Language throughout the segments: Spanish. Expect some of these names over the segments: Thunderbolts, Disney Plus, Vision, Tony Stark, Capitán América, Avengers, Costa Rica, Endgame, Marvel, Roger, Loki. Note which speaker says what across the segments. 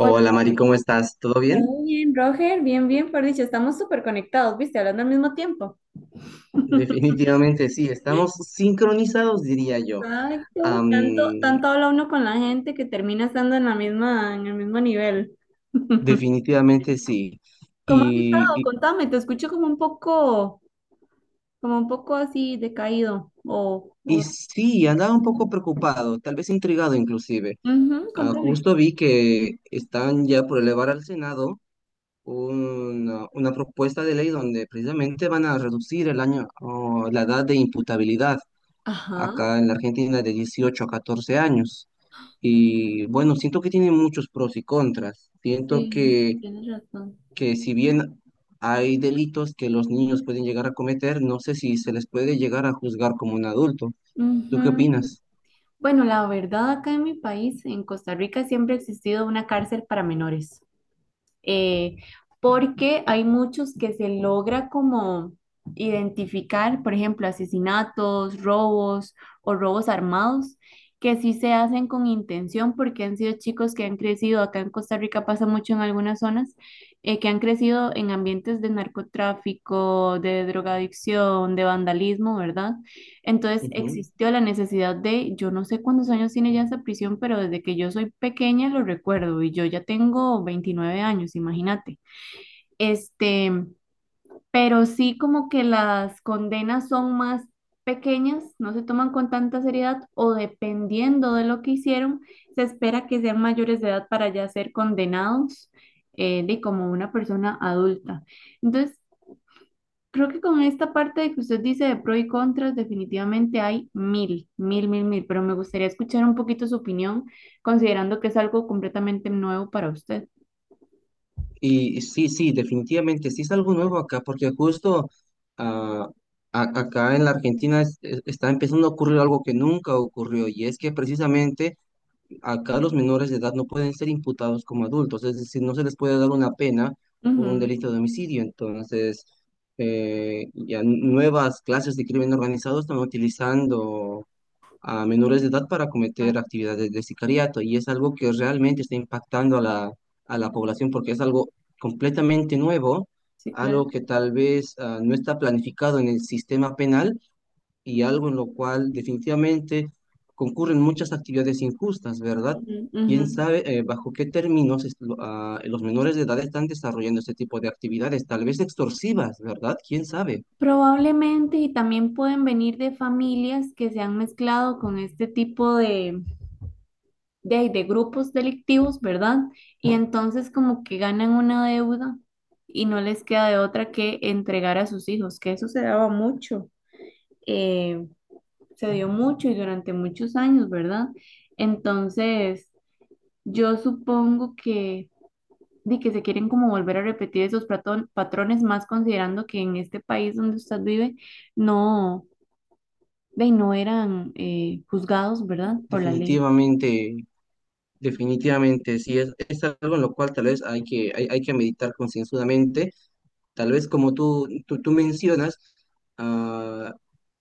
Speaker 1: Hola,
Speaker 2: Mari, ¿cómo estás? ¿Todo bien?
Speaker 1: ¿todo bien, Roger? Bien, bien, por dicho, estamos súper conectados, ¿viste? Hablando al mismo tiempo.
Speaker 2: Definitivamente sí, estamos sincronizados, diría yo.
Speaker 1: Exacto,
Speaker 2: Am,
Speaker 1: tanto, tanto habla uno con la gente que termina estando en la misma, en el mismo nivel.
Speaker 2: Definitivamente sí.
Speaker 1: ¿Cómo has estado?
Speaker 2: Y, y-
Speaker 1: Contame, te escucho como un poco así decaído.
Speaker 2: y
Speaker 1: O...
Speaker 2: sí, andaba un poco preocupado, tal vez intrigado inclusive.
Speaker 1: Ujú,
Speaker 2: Ah,
Speaker 1: contame.
Speaker 2: justo vi que están ya por elevar al Senado una propuesta de ley donde precisamente van a reducir el año, o la edad de imputabilidad
Speaker 1: Ajá,
Speaker 2: acá en la Argentina de 18 a 14 años. Y bueno, siento que tiene muchos pros y contras. Siento
Speaker 1: sí,
Speaker 2: que,
Speaker 1: tienes razón.
Speaker 2: que si bien hay delitos que los niños pueden llegar a cometer, no sé si se les puede llegar a juzgar como un adulto. ¿Tú qué
Speaker 1: Ujú.
Speaker 2: opinas?
Speaker 1: Bueno, la verdad, acá en mi país, en Costa Rica, siempre ha existido una cárcel para menores. eh, Porque hay muchos que se logra como identificar, por ejemplo, asesinatos, robos o robos armados, que sí se hacen con intención porque han sido chicos que han crecido, acá en Costa Rica pasa mucho en algunas zonas, que han crecido en ambientes de narcotráfico, de drogadicción, de vandalismo, ¿verdad? Entonces
Speaker 2: Ujú.
Speaker 1: existió la necesidad de, yo no sé cuántos años tiene ya esa prisión, pero desde que yo soy pequeña lo recuerdo y yo ya tengo 29 años, imagínate. Este, pero sí como que las condenas son más pequeñas, no se toman con tanta seriedad o dependiendo de lo que hicieron, se espera que sean mayores de edad para ya ser condenados de como una persona adulta. Entonces, creo que con esta parte de que usted dice de pros y contras, definitivamente hay mil, pero me gustaría escuchar un poquito su opinión, considerando que es algo completamente nuevo para usted.
Speaker 2: Y sí, sí, definitivamente, sí es algo nuevo acá, porque justo ah, acá en la Argentina está empezando a ocurrir algo que nunca ocurrió, y es que precisamente acá los menores de edad no pueden ser imputados como adultos, es decir, no se les puede dar una pena por un
Speaker 1: Ujú.
Speaker 2: delito de homicidio. Entonces, ya nuevas clases de crimen organizado están utilizando a menores de edad para
Speaker 1: Ah,
Speaker 2: cometer actividades de sicariato y es algo que realmente está impactando a la población porque es algo completamente nuevo,
Speaker 1: sí,
Speaker 2: algo
Speaker 1: claro.
Speaker 2: que tal vez no está planificado en el sistema penal y algo en lo cual definitivamente concurren muchas actividades injustas, ¿verdad?
Speaker 1: Ujú, ujú.
Speaker 2: ¿Quién sabe bajo qué términos los menores de edad están desarrollando este tipo de actividades? Tal vez extorsivas, ¿verdad? ¿Quién sabe?
Speaker 1: Probablemente y también pueden venir de familias que se han mezclado con este tipo de, de grupos delictivos, ¿verdad? Y entonces como que ganan una deuda y no les queda de otra que entregar a sus hijos, que eso se daba mucho. Eh, Se dio mucho y durante muchos años, ¿verdad? Entonces, yo supongo que, di que se quieren como volver a repetir esos patrones, más considerando que en este país donde usted vive no, de, no eran juzgados, ¿verdad? Por la ley.
Speaker 2: Definitivamente Definitivamente, sí, es algo en lo cual tal vez hay que meditar concienzudamente. Tal vez como tú mencionas, ah,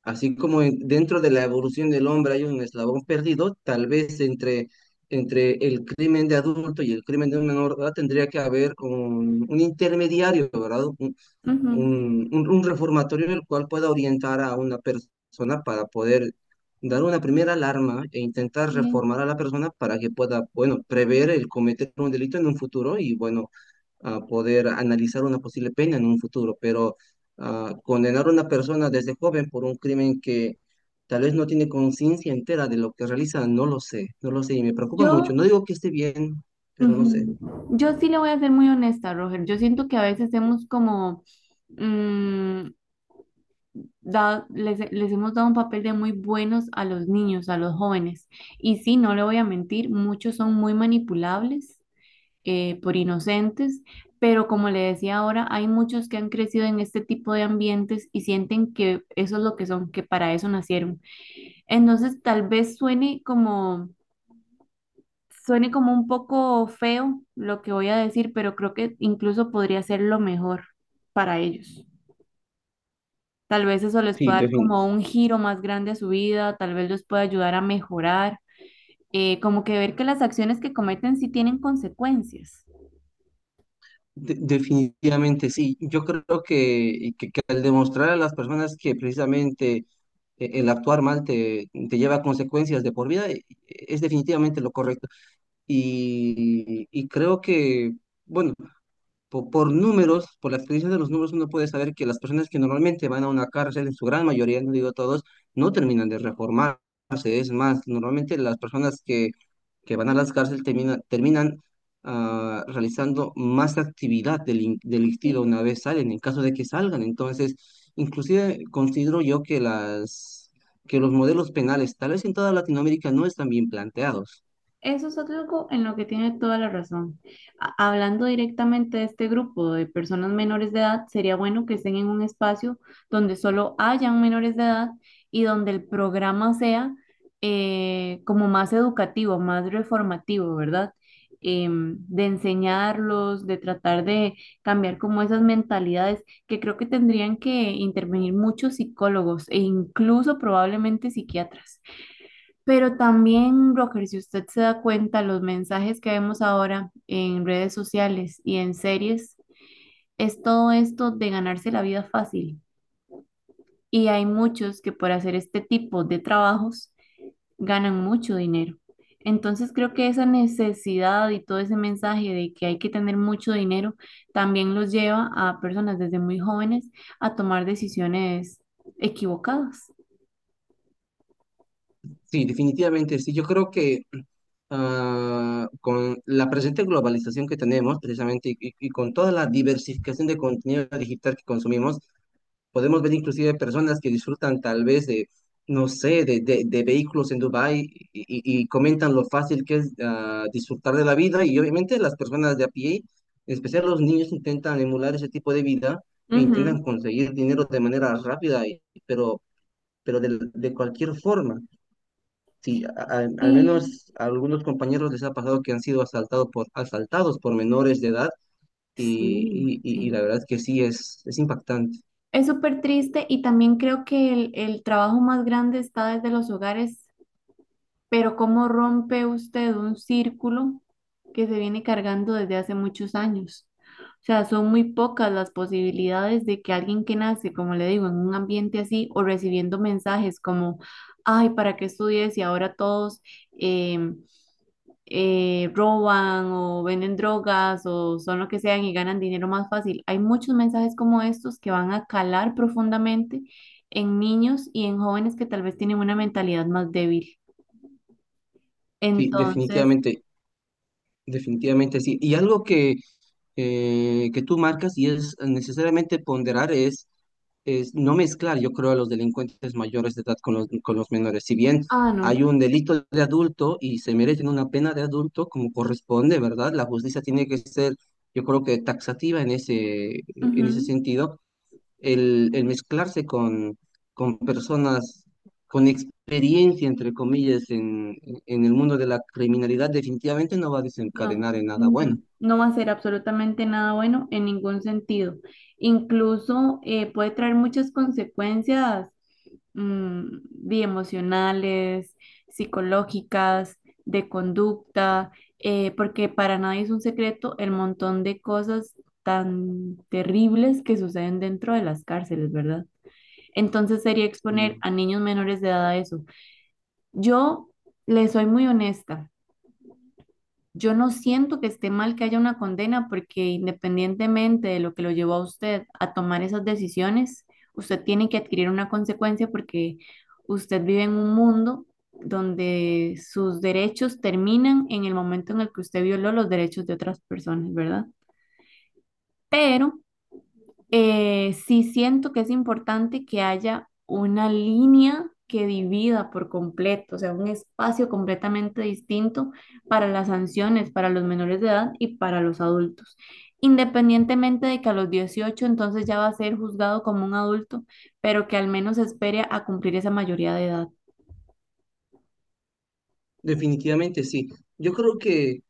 Speaker 2: así como dentro de la evolución del hombre hay un eslabón perdido, tal vez entre, entre el crimen de adulto y el crimen de un menor, ¿verdad? Tendría que haber un intermediario, ¿verdad?
Speaker 1: Ujú,
Speaker 2: Un reformatorio en el cual pueda orientar a una persona para poder dar una primera alarma e intentar
Speaker 1: sí.
Speaker 2: reformar a la persona para que pueda, bueno, prever el cometer un delito en un futuro y, bueno, poder analizar una posible pena en un futuro. Pero condenar a una persona desde joven por un crimen que tal vez no tiene conciencia entera de lo que realiza, no lo sé, no lo sé y me preocupa mucho.
Speaker 1: Yo,
Speaker 2: No digo que esté bien, pero no sé.
Speaker 1: ujú, yo sí le voy a ser muy honesta, Roger. Yo siento que a veces hemos como... mm, les hemos dado un papel de muy buenos a los niños, a los jóvenes. Y sí, no le voy a mentir, muchos son muy manipulables por inocentes, pero como le decía ahora, hay muchos que han crecido en este tipo de ambientes y sienten que eso es lo que son, que para eso nacieron. Entonces, tal vez suene como... Suene como un poco feo lo que voy a decir, pero creo que incluso podría ser lo mejor para ellos. Tal vez eso les
Speaker 2: Sí,
Speaker 1: pueda dar como
Speaker 2: definitivamente.
Speaker 1: un giro más grande a su vida, tal vez les pueda ayudar a mejorar, como que ver que las acciones que cometen sí tienen consecuencias.
Speaker 2: Definitivamente sí. Yo creo que al demostrar a las personas que precisamente el actuar mal te lleva a consecuencias de por vida, es definitivamente lo correcto. Y creo que, bueno, por números, por la experiencia de los números, uno puede saber que las personas que normalmente van a una cárcel, en su gran mayoría, no digo todos, no terminan de reformarse. Es más, normalmente las personas que van a las cárceles terminan realizando más actividad delictiva
Speaker 1: Sí.
Speaker 2: una vez salen, en caso de que salgan. Entonces, inclusive considero yo que que los modelos penales, tal vez en toda Latinoamérica, no están bien planteados.
Speaker 1: Eso es algo en lo que tiene toda la razón. Hablando directamente de este grupo de personas menores de edad, sería bueno que estén en un espacio donde solo hayan menores de edad y donde el programa sea como más educativo, más reformativo, ¿verdad? De enseñarlos, de tratar de cambiar como esas mentalidades, que creo que tendrían que intervenir muchos psicólogos e incluso probablemente psiquiatras. Pero también, Rocker, si usted se da cuenta, los mensajes que vemos ahora en redes sociales y en series es todo esto de ganarse la vida fácil. Y hay muchos que por hacer este tipo de trabajos ganan mucho dinero. Entonces creo que esa necesidad y todo ese mensaje de que hay que tener mucho dinero también los lleva a personas desde muy jóvenes a tomar decisiones equivocadas.
Speaker 2: Sí, definitivamente, sí. Yo creo que con la presente globalización que tenemos, precisamente, y con toda la diversificación de contenido digital que consumimos, podemos ver inclusive personas que disfrutan tal vez no sé, de vehículos en Dubái y comentan lo fácil que es disfrutar de la vida. Y obviamente las personas de a pie, en especial los niños, intentan emular ese tipo de vida e
Speaker 1: Ujú.
Speaker 2: intentan conseguir dinero de manera rápida, pero de cualquier forma. Sí, al
Speaker 1: Sí,
Speaker 2: menos a algunos compañeros les ha pasado que han sido asaltados por menores de edad y,
Speaker 1: sí,
Speaker 2: y
Speaker 1: sí.
Speaker 2: la verdad es que sí, es impactante.
Speaker 1: Es súper triste y también creo que el trabajo más grande está desde los hogares, pero ¿cómo rompe usted un círculo que se viene cargando desde hace muchos años? O sea, son muy pocas las posibilidades de que alguien que nace, como le digo, en un ambiente así o recibiendo mensajes como, ay, ¿para qué estudies? Y ahora todos... em, roban o venden drogas o son lo que sean y ganan dinero más fácil. Hay muchos mensajes como estos que van a calar profundamente en niños y en jóvenes que tal vez tienen una mentalidad más débil.
Speaker 2: Sí,
Speaker 1: Entonces,
Speaker 2: definitivamente, definitivamente sí. Y algo que tú marcas y es necesariamente ponderar es no mezclar, yo creo, a los delincuentes mayores de edad con los menores. Si bien
Speaker 1: ah, no.
Speaker 2: hay un delito de adulto y se merecen una pena de adulto como corresponde, ¿verdad? La justicia tiene que ser, yo creo que taxativa en ese
Speaker 1: Ujú.
Speaker 2: sentido. El mezclarse con personas con experiencia, entre comillas, en el mundo de la criminalidad, definitivamente no va a
Speaker 1: No,
Speaker 2: desencadenar en nada bueno.
Speaker 1: no, no va a ser absolutamente nada bueno en ningún sentido. Incluso puede traer muchas consecuencias de emocionales, psicológicas, de conducta, porque para nadie es un secreto el montón de cosas tan terribles que suceden dentro de las cárceles, ¿verdad? Entonces sería exponer
Speaker 2: Mm,
Speaker 1: a niños menores de edad a eso. Yo les soy muy honesta. Yo no siento que esté mal que haya una condena porque independientemente de lo que lo llevó a usted a tomar esas decisiones, usted tiene que adquirir una consecuencia porque usted vive en un mundo donde sus derechos terminan en el momento en el que usted violó los derechos de otras personas, ¿verdad? Pero sí siento que es importante que haya una línea que divida por completo, o sea, un espacio completamente distinto para las sanciones, para los menores de edad y para los adultos. Independientemente de que a los 18 entonces ya va a ser juzgado como un adulto, pero que al menos espere a cumplir esa mayoría de edad.
Speaker 2: Definitivamente sí. Yo creo que,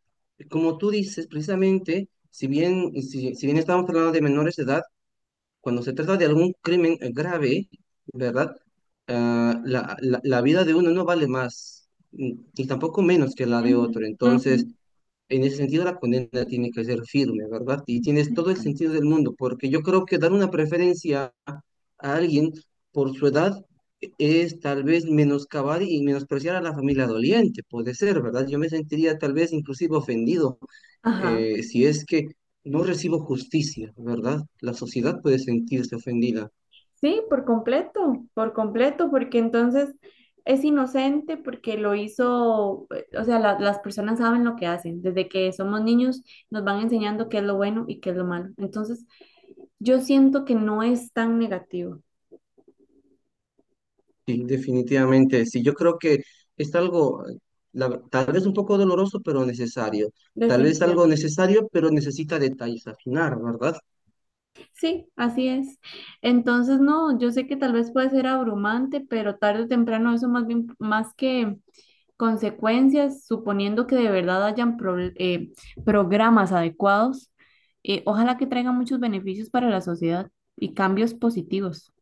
Speaker 2: como tú dices, precisamente, si bien estamos hablando de menores de edad, cuando se trata de algún crimen grave, ¿verdad? Ah, la vida de uno no vale más, ni tampoco menos que la de
Speaker 1: Ujú,
Speaker 2: otro.
Speaker 1: ujú,
Speaker 2: Entonces, en ese sentido, la condena tiene que ser firme, ¿verdad? Y tienes todo el sentido
Speaker 1: exacto.
Speaker 2: del mundo, porque yo creo que dar una preferencia a alguien por su edad es tal vez menoscabar y menospreciar a la familia doliente, puede ser, ¿verdad? Yo me sentiría tal vez inclusive ofendido
Speaker 1: Ajá.
Speaker 2: si es que no recibo justicia, ¿verdad? La sociedad puede sentirse ofendida.
Speaker 1: Sí, por completo, porque entonces es inocente porque lo hizo, o sea, las personas saben lo que hacen. Desde que somos niños nos van enseñando qué es lo bueno y qué es lo malo. Entonces, yo siento que no es tan negativo.
Speaker 2: Sí, definitivamente, sí, yo creo que es algo, tal vez un poco doloroso, pero necesario. Tal vez algo
Speaker 1: Definitivamente.
Speaker 2: necesario, pero necesita detalles afinar, ¿verdad?
Speaker 1: Sí, así es. Entonces, no, yo sé que tal vez puede ser abrumante, pero tarde o temprano eso más bien, más que consecuencias, suponiendo que de verdad hayan programas adecuados, ojalá que traigan muchos beneficios para la sociedad y cambios positivos.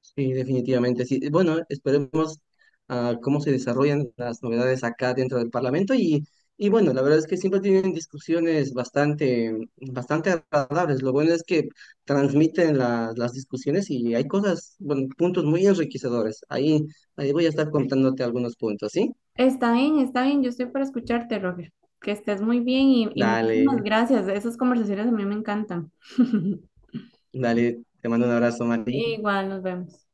Speaker 2: Sí, definitivamente, sí. Bueno, esperemos cómo se desarrollan las novedades acá dentro del Parlamento y bueno, la verdad es que siempre tienen discusiones bastante, bastante agradables. Lo bueno es que transmiten las discusiones y hay cosas, bueno, puntos muy enriquecedores. Ahí, voy a estar contándote algunos puntos, ¿sí?
Speaker 1: Está bien, está bien. Yo estoy para escucharte, Roger. Que estés muy bien y muchísimas
Speaker 2: Dale.
Speaker 1: gracias. Esas conversaciones a mí me encantan.
Speaker 2: Dale, te mando un abrazo, Mati.
Speaker 1: Igual, nos vemos.